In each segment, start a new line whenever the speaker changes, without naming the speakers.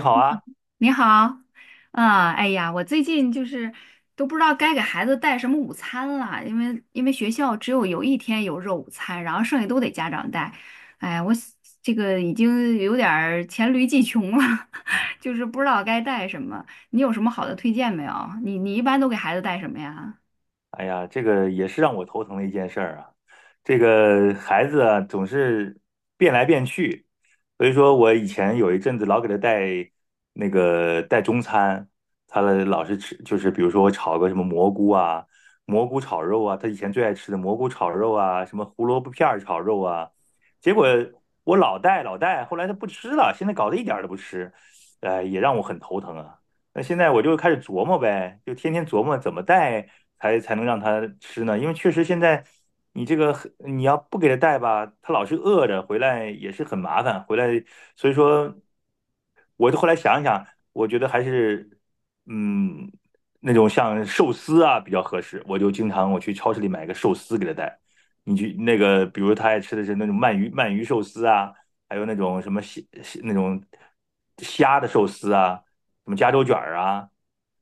你好啊。
你好，啊，哎呀，我最近就是都不知道该给孩子带什么午餐了，因为学校只有一天有肉午餐，然后剩下都得家长带。哎，我想这个已经有点儿黔驴技穷了，就是不知道该带什么。你有什么好的推荐没有？你一般都给孩子带什么呀？
哎呀，这个也是让我头疼的一件事儿啊。这个孩子啊，总是变来变去，所以说我以前有一阵子老给他带那个带中餐，他老是吃，就是比如说我炒个什么蘑菇啊、蘑菇炒肉啊，他以前最爱吃的蘑菇炒肉啊，什么胡萝卜片儿炒肉啊，结果我老带，后来他不吃了，现在搞得一点儿都不吃，哎，也让我很头疼啊。那现在我就开始琢磨呗，就天天琢磨怎么带才能让它吃呢？因为确实现在你这个你要不给它带吧，它老是饿着，回来也是很麻烦。回来，所以说，我就后来想一想，我觉得还是嗯那种像寿司啊比较合适。我就经常我去超市里买个寿司给它带。你去那个，比如他爱吃的是那种鳗鱼寿司啊，还有那种什么虾那种虾的寿司啊。什么加州卷儿啊，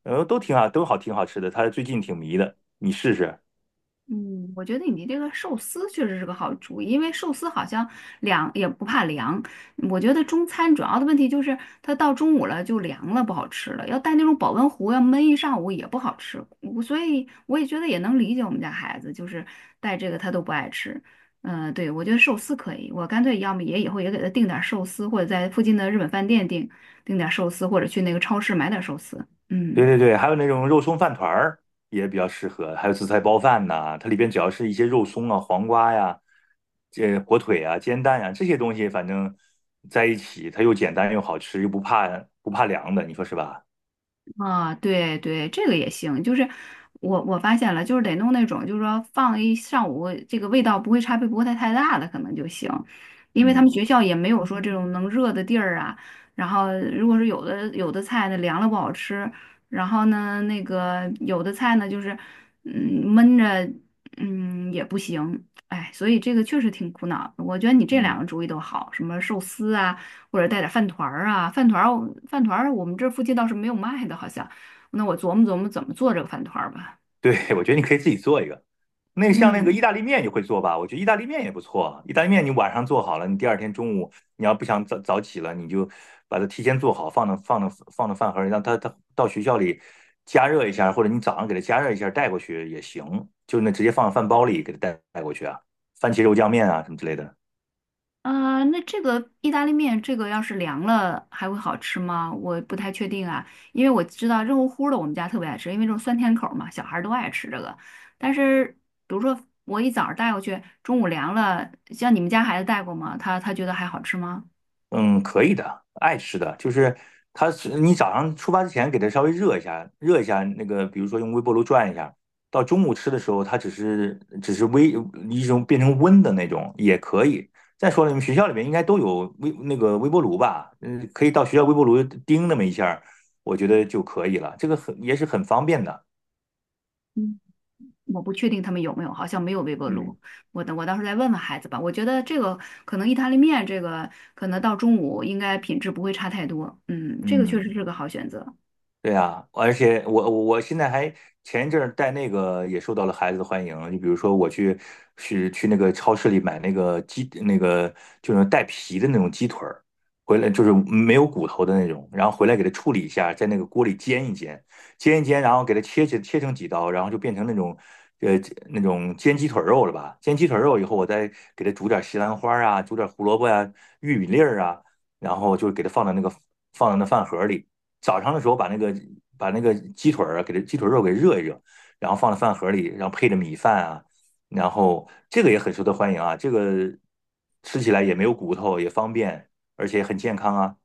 都挺好，都好，挺好吃的。他最近挺迷的，你试试。
嗯，我觉得你这个寿司确实是个好主意，因为寿司好像凉也不怕凉。我觉得中餐主要的问题就是它到中午了就凉了，不好吃了。要带那种保温壶，要闷一上午也不好吃。所以我也觉得也能理解我们家孩子，就是带这个他都不爱吃。嗯、对，我觉得寿司可以，我干脆要么也以后也给他订点儿寿司，或者在附近的日本饭店订点儿寿司，或者去那个超市买点儿寿司。
对
嗯。
对对，还有那种肉松饭团儿也比较适合，还有紫菜包饭呐，它里边只要是一些肉松啊、黄瓜呀、这火腿啊、煎蛋呀、这些东西，反正在一起，它又简单又好吃，又不怕凉的，你说是吧？
啊，对对，这个也行。就是我发现了，就是得弄那种，就是说放一上午，这个味道不会差别不会太大的，可能就行。因为他们
嗯
学校也没有说这种能热的地儿啊。然后，如果是有的菜呢凉了不好吃，然后呢那个有的菜呢就是嗯闷着嗯也不行。哎，所以这个确实挺苦恼的。我觉得你这两个
嗯。
主意都好，什么寿司啊。或者带点饭团儿啊，饭团儿我们这儿附近倒是没有卖的，好像。那我琢磨琢磨怎么做这个饭团儿吧。
对，我觉得你可以自己做一个。那个像那个
嗯，
意大利面，你会做吧？我觉得意大利面也不错。意大利面你晚上做好了，你第二天中午你要不想早早起了，你就把它提前做好，放到饭盒里，让它到学校里加热一下，或者你早上给它加热一下带过去也行。就那直接放到饭包里给它带过去啊，番茄肉酱面啊什么之类的。
啊、那这个意大利面，这个要是凉了还会好吃吗？我不太确定啊，因为我知道热乎乎的我们家特别爱吃，因为这种酸甜口儿嘛，小孩儿都爱吃这个。但是比如说我一早上带过去，中午凉了，像你们家孩子带过吗？他觉得还好吃吗？
嗯，可以的，爱吃的，就是它是你早上出发之前给它稍微热一下，那个，比如说用微波炉转一下，到中午吃的时候，它只是一种变成温的那种也可以。再说了，你们学校里面应该都有微那个微波炉吧？嗯，可以到学校微波炉叮那么一下儿我觉得就可以了，这个也是很方便的。
嗯。我不确定他们有没有，好像没有微波
嗯
炉。我等我到时候再问问孩子吧。我觉得这个可能意大利面这个可能到中午应该品质不会差太多。嗯，这个确实
嗯。
是个好选择。
对呀，而且我现在还前一阵儿带那个也受到了孩子的欢迎，就比如说我去那个超市里买那个就是带皮的那种鸡腿儿，回来就是没有骨头的那种，然后回来给它处理一下，在那个锅里煎一煎，煎一煎，然后给它切成几刀，然后就变成那种呃那种煎鸡腿肉了吧？煎鸡腿肉以后，我再给它煮点西兰花啊，煮点胡萝卜啊、玉米粒儿啊，然后就给它放到那饭盒里。早上的时候把那个鸡腿肉给热一热，然后放在饭盒里，然后配着米饭啊，然后这个也很受到欢迎啊，这个吃起来也没有骨头，也方便，而且也很健康啊。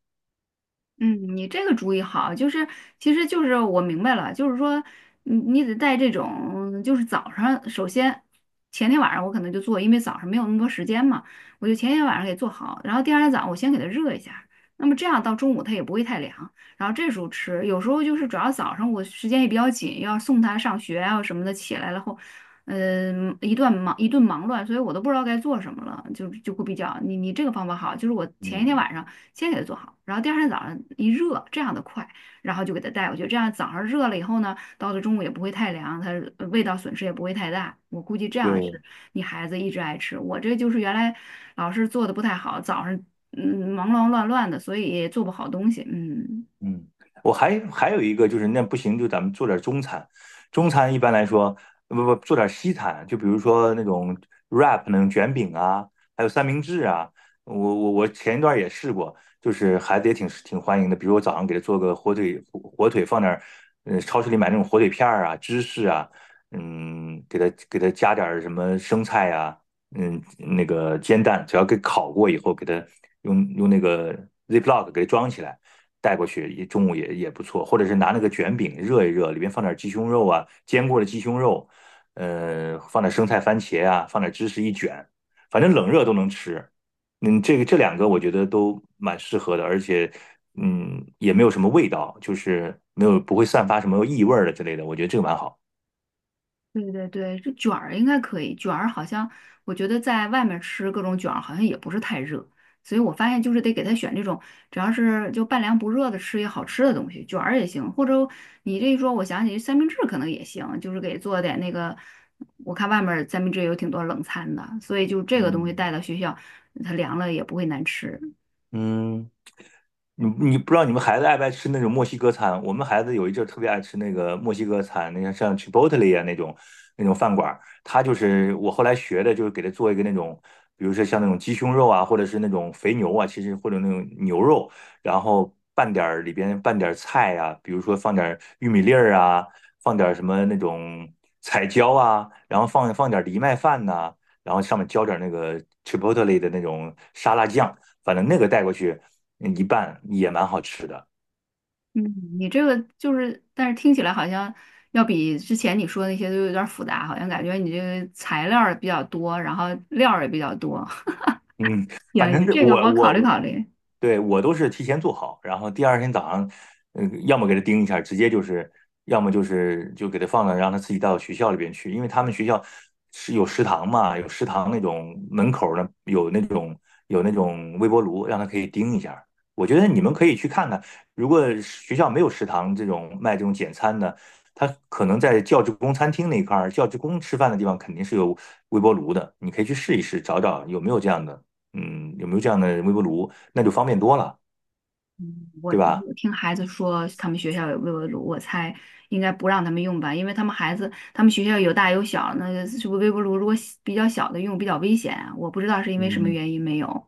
嗯，你这个主意好，就是其实就是我明白了，就是说你得带这种就是早上，首先前天晚上我可能就做，因为早上没有那么多时间嘛，我就前天晚上给做好，然后第二天早上我先给它热一下，那么这样到中午它也不会太凉，然后这时候吃，有时候就是主要早上我时间也比较紧，要送他上学啊什么的，起来了后。嗯，一段忙一顿忙乱，所以我都不知道该做什么了，就会比较你这个方法好，就是我前一天
嗯，
晚上。先给他做好，然后第二天早上一热，这样的快，然后就给他带回去。这样早上热了以后呢，到了中午也不会太凉，它味道损失也不会太大。我估计这样
对。
是你孩子一直爱吃。我这就是原来老是做的不太好，早上嗯忙忙乱乱的，所以也做不好东西。嗯。
嗯，我还有一个就是，那不行，就咱们做点中餐。中餐一般来说，不不，做点西餐，就比如说那种 wrap 那种卷饼啊，还有三明治啊。我前一段也试过，就是孩子也挺欢迎的。比如我早上给他做个火腿，火腿放点儿，超市里买那种火腿片儿啊、芝士啊，嗯，给他加点儿什么生菜呀，嗯，那个煎蛋，只要给烤过以后，给它用那个 Ziploc 给它装起来。带过去，也中午也不错，或者是拿那个卷饼热一热，里面放点鸡胸肉啊，煎过的鸡胸肉，放点生菜、番茄啊，放点芝士一卷，反正冷热都能吃。嗯，这两个我觉得都蛮适合的，而且也没有什么味道，就是没有不会散发什么异味儿的之类的，我觉得这个蛮好。
对对对，这卷儿应该可以，卷儿好像我觉得在外面吃各种卷儿好像也不是太热，所以我发现就是得给他选这种只要是就半凉不热的吃也好吃的东西，卷儿也行，或者你这一说，我想起三明治可能也行，就是给做点那个，我看外面儿三明治有挺多冷餐的，所以就这个东西
嗯
带到学校，它凉了也不会难吃。
嗯。你不知道你们孩子爱不爱吃那种墨西哥餐？我们孩子有一阵儿特别爱吃那个墨西哥餐，那像 Chipotle 啊那种饭馆儿，他就是我后来学的，就是给他做一个那种，比如说像那种鸡胸肉啊，或者是那种肥牛啊，其实或者那种牛肉，然后拌点儿里边拌点儿菜呀、啊比如说放点儿玉米粒儿啊，放点儿什么那种彩椒啊，然后放点儿藜麦饭呐、然后上面浇点儿那个 Chipotle 的那种沙拉酱，反正那个带过去。一半也蛮好吃的。
你这个就是，但是听起来好像要比之前你说的那些都有点儿复杂，好像感觉你这个材料儿比较多，然后料儿也比较多。
嗯，反
行
正
行，
这
这个
我
我考虑
我
考虑。
对我都是提前做好，然后第二天早上，嗯，要么给他盯一下，直接就是，要么就给他放到让他自己带到学校里边去，因为他们学校是有食堂嘛，有食堂那种门口儿呢有那种微波炉，让他可以盯一下。我觉得你们可以去看看，如果学校没有食堂这种卖这种简餐的，他可能在教职工餐厅那一块儿，教职工吃饭的地方肯定是有微波炉的，你可以去试一试，找找有没有这样的。嗯，有没有这样的微波炉，那就方便多了，
我
对吧？
我听孩子说他们学校有微波炉，我猜应该不让他们用吧，因为他们孩子他们学校有大有小，那个是不是微波炉如果小比较小的用比较危险啊？我不知道是因为什么
嗯。
原因没有。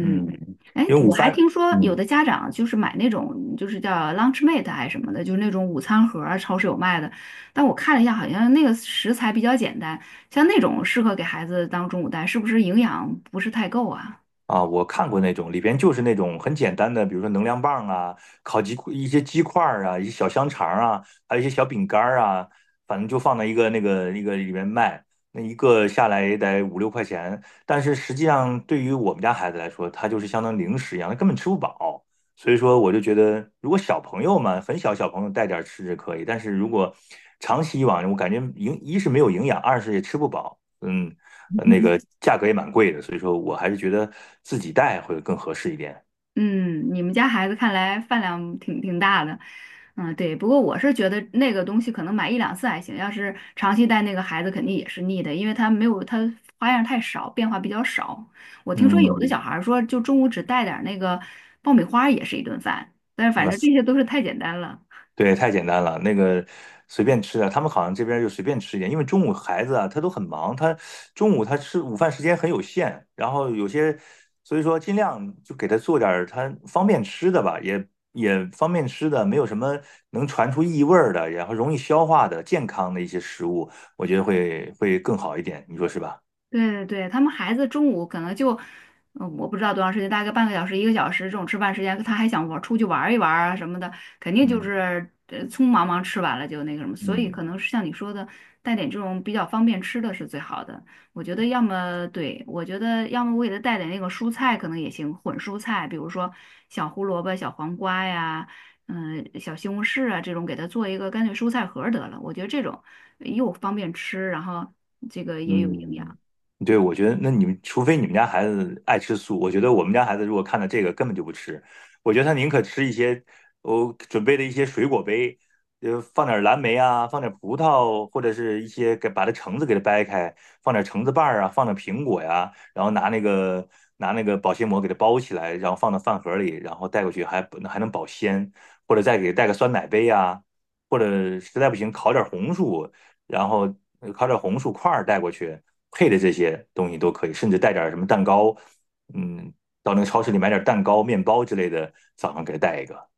嗯，
哎，
因为午
我还
饭，
听说有
嗯，
的家长就是买那种就是叫 Lunchmate 还是什么的，就是那种午餐盒儿超市有卖的。但我看了一下，好像那个食材比较简单，像那种适合给孩子当中午带，是不是营养不是太够啊？
啊，我看过那种，里边就是那种很简单的，比如说能量棒啊、一些鸡块儿啊、一些小香肠儿啊，还有一些小饼干儿啊，反正就放在一个那个里面卖，那一个下来也得五六块钱。但是实际上，对于我们家孩子来说，它就是相当于零食一样，他根本吃不饱。所以说，我就觉得，如果小朋友嘛，很小小朋友带点儿吃是可以，但是如果长期以往，我感觉一是没有营养，二是也吃不饱。嗯，那个 价格也蛮贵的，所以说我还是觉得自己带会更合适一点。
嗯，你们家孩子看来饭量挺大的，嗯，对。不过我是觉得那个东西可能买一两次还行，要是长期带那个孩子肯定也是腻的，因为他没有他花样太少，变化比较少。我听说有的
嗯。
小孩儿说，就中午只带点儿那个爆米花儿也是一顿饭，但是反
嗯，
正这些都是太简单了。
对，太简单了，那个随便吃的，他们好像这边就随便吃一点，因为中午孩子啊，他都很忙，他中午他吃午饭时间很有限，然后有些，所以说尽量就给他做点儿他方便吃的吧，也方便吃的，没有什么能传出异味儿的，然后容易消化的健康的一些食物，我觉得会更好一点，你说是吧？
对对对，他们孩子中午可能就，嗯，我不知道多长时间，大概半个小时、一个小时这种吃饭时间，他还想玩出去玩一玩啊什么的，肯定就
嗯
是匆忙忙吃完了就那个什么，所以可
嗯。
能是像你说的，带点这种比较方便吃的是最好的。我觉得要么对，我觉得要么我给他带点那个蔬菜可能也行，混蔬菜，比如说小胡萝卜、小黄瓜呀，嗯、小西红柿啊这种，给他做一个干脆蔬菜盒儿得了。我觉得这种又方便吃，然后这个也有营养。
嗯，对，我觉得那你们除非你们家孩子爱吃素，我觉得我们家孩子如果看到这个根本就不吃，我觉得他宁可吃一些我准备的一些水果杯，放点蓝莓啊，放点葡萄，或者是一些给把它橙子给它掰开，放点橙子瓣儿啊，放点苹果呀，然后拿那个保鲜膜给它包起来，然后放到饭盒里，然后带过去还能保鲜，或者再给带个酸奶杯呀、或者实在不行烤点红薯，然后烤点红薯块带过去，配的这些东西都可以，甚至带点什么蛋糕，嗯，到那个超市里买点蛋糕、面包之类的，早上给带一个。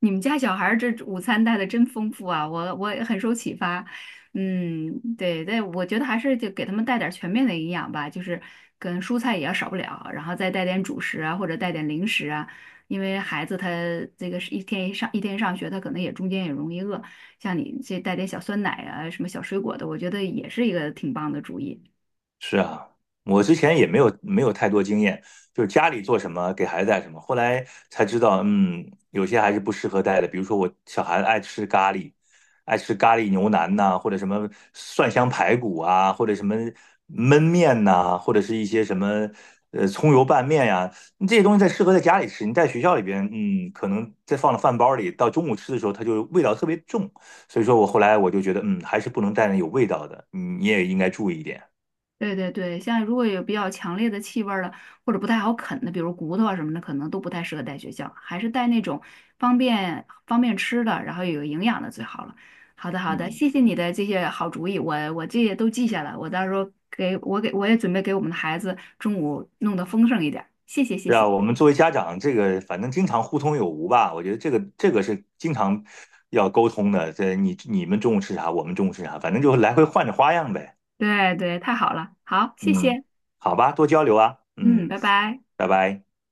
你们家小孩儿这午餐带的真丰富啊，我也很受启发。嗯，对对，我觉得还是就给他们带点儿全面的营养吧，就是跟蔬菜也要少不了，然后再带点主食啊，或者带点零食啊，因为孩子他这个是一天一上一天上学，他可能也中间也容易饿，像你这带点小酸奶啊，什么小水果的，我觉得也是一个挺棒的主意。
是啊，我之前也没有太多经验，就是家里做什么给孩子带什么，后来才知道，有些还是不适合带的。比如说我小孩子爱吃咖喱，爱吃咖喱牛腩呐、或者什么蒜香排骨啊，或者什么焖面呐、或者是一些什么葱油拌面呀、你这些东西在适合在家里吃，你在学校里边，可能再放到饭包里，到中午吃的时候，它就味道特别重。所以说我后来我就觉得，还是不能带那有味道的，你也应该注意一点。
对对对，像如果有比较强烈的气味儿的，或者不太好啃的，比如骨头啊什么的，可能都不太适合带学校，还是带那种方便吃的，然后有营养的最好了。好的好的，
嗯。
谢谢你的这些好主意，我这些都记下来，我到时候给我也准备给我们的孩子中午弄得丰盛一点儿。谢谢谢
是啊，
谢，
我们作为家长，这个反正经常互通有无吧，我觉得这个是经常要沟通的。这你们中午吃啥，我们中午吃啥，反正就来回换着花样呗。
对对，太好了，好，谢
嗯，
谢，
好吧，多交流啊。
嗯，
嗯，
拜拜。
拜拜。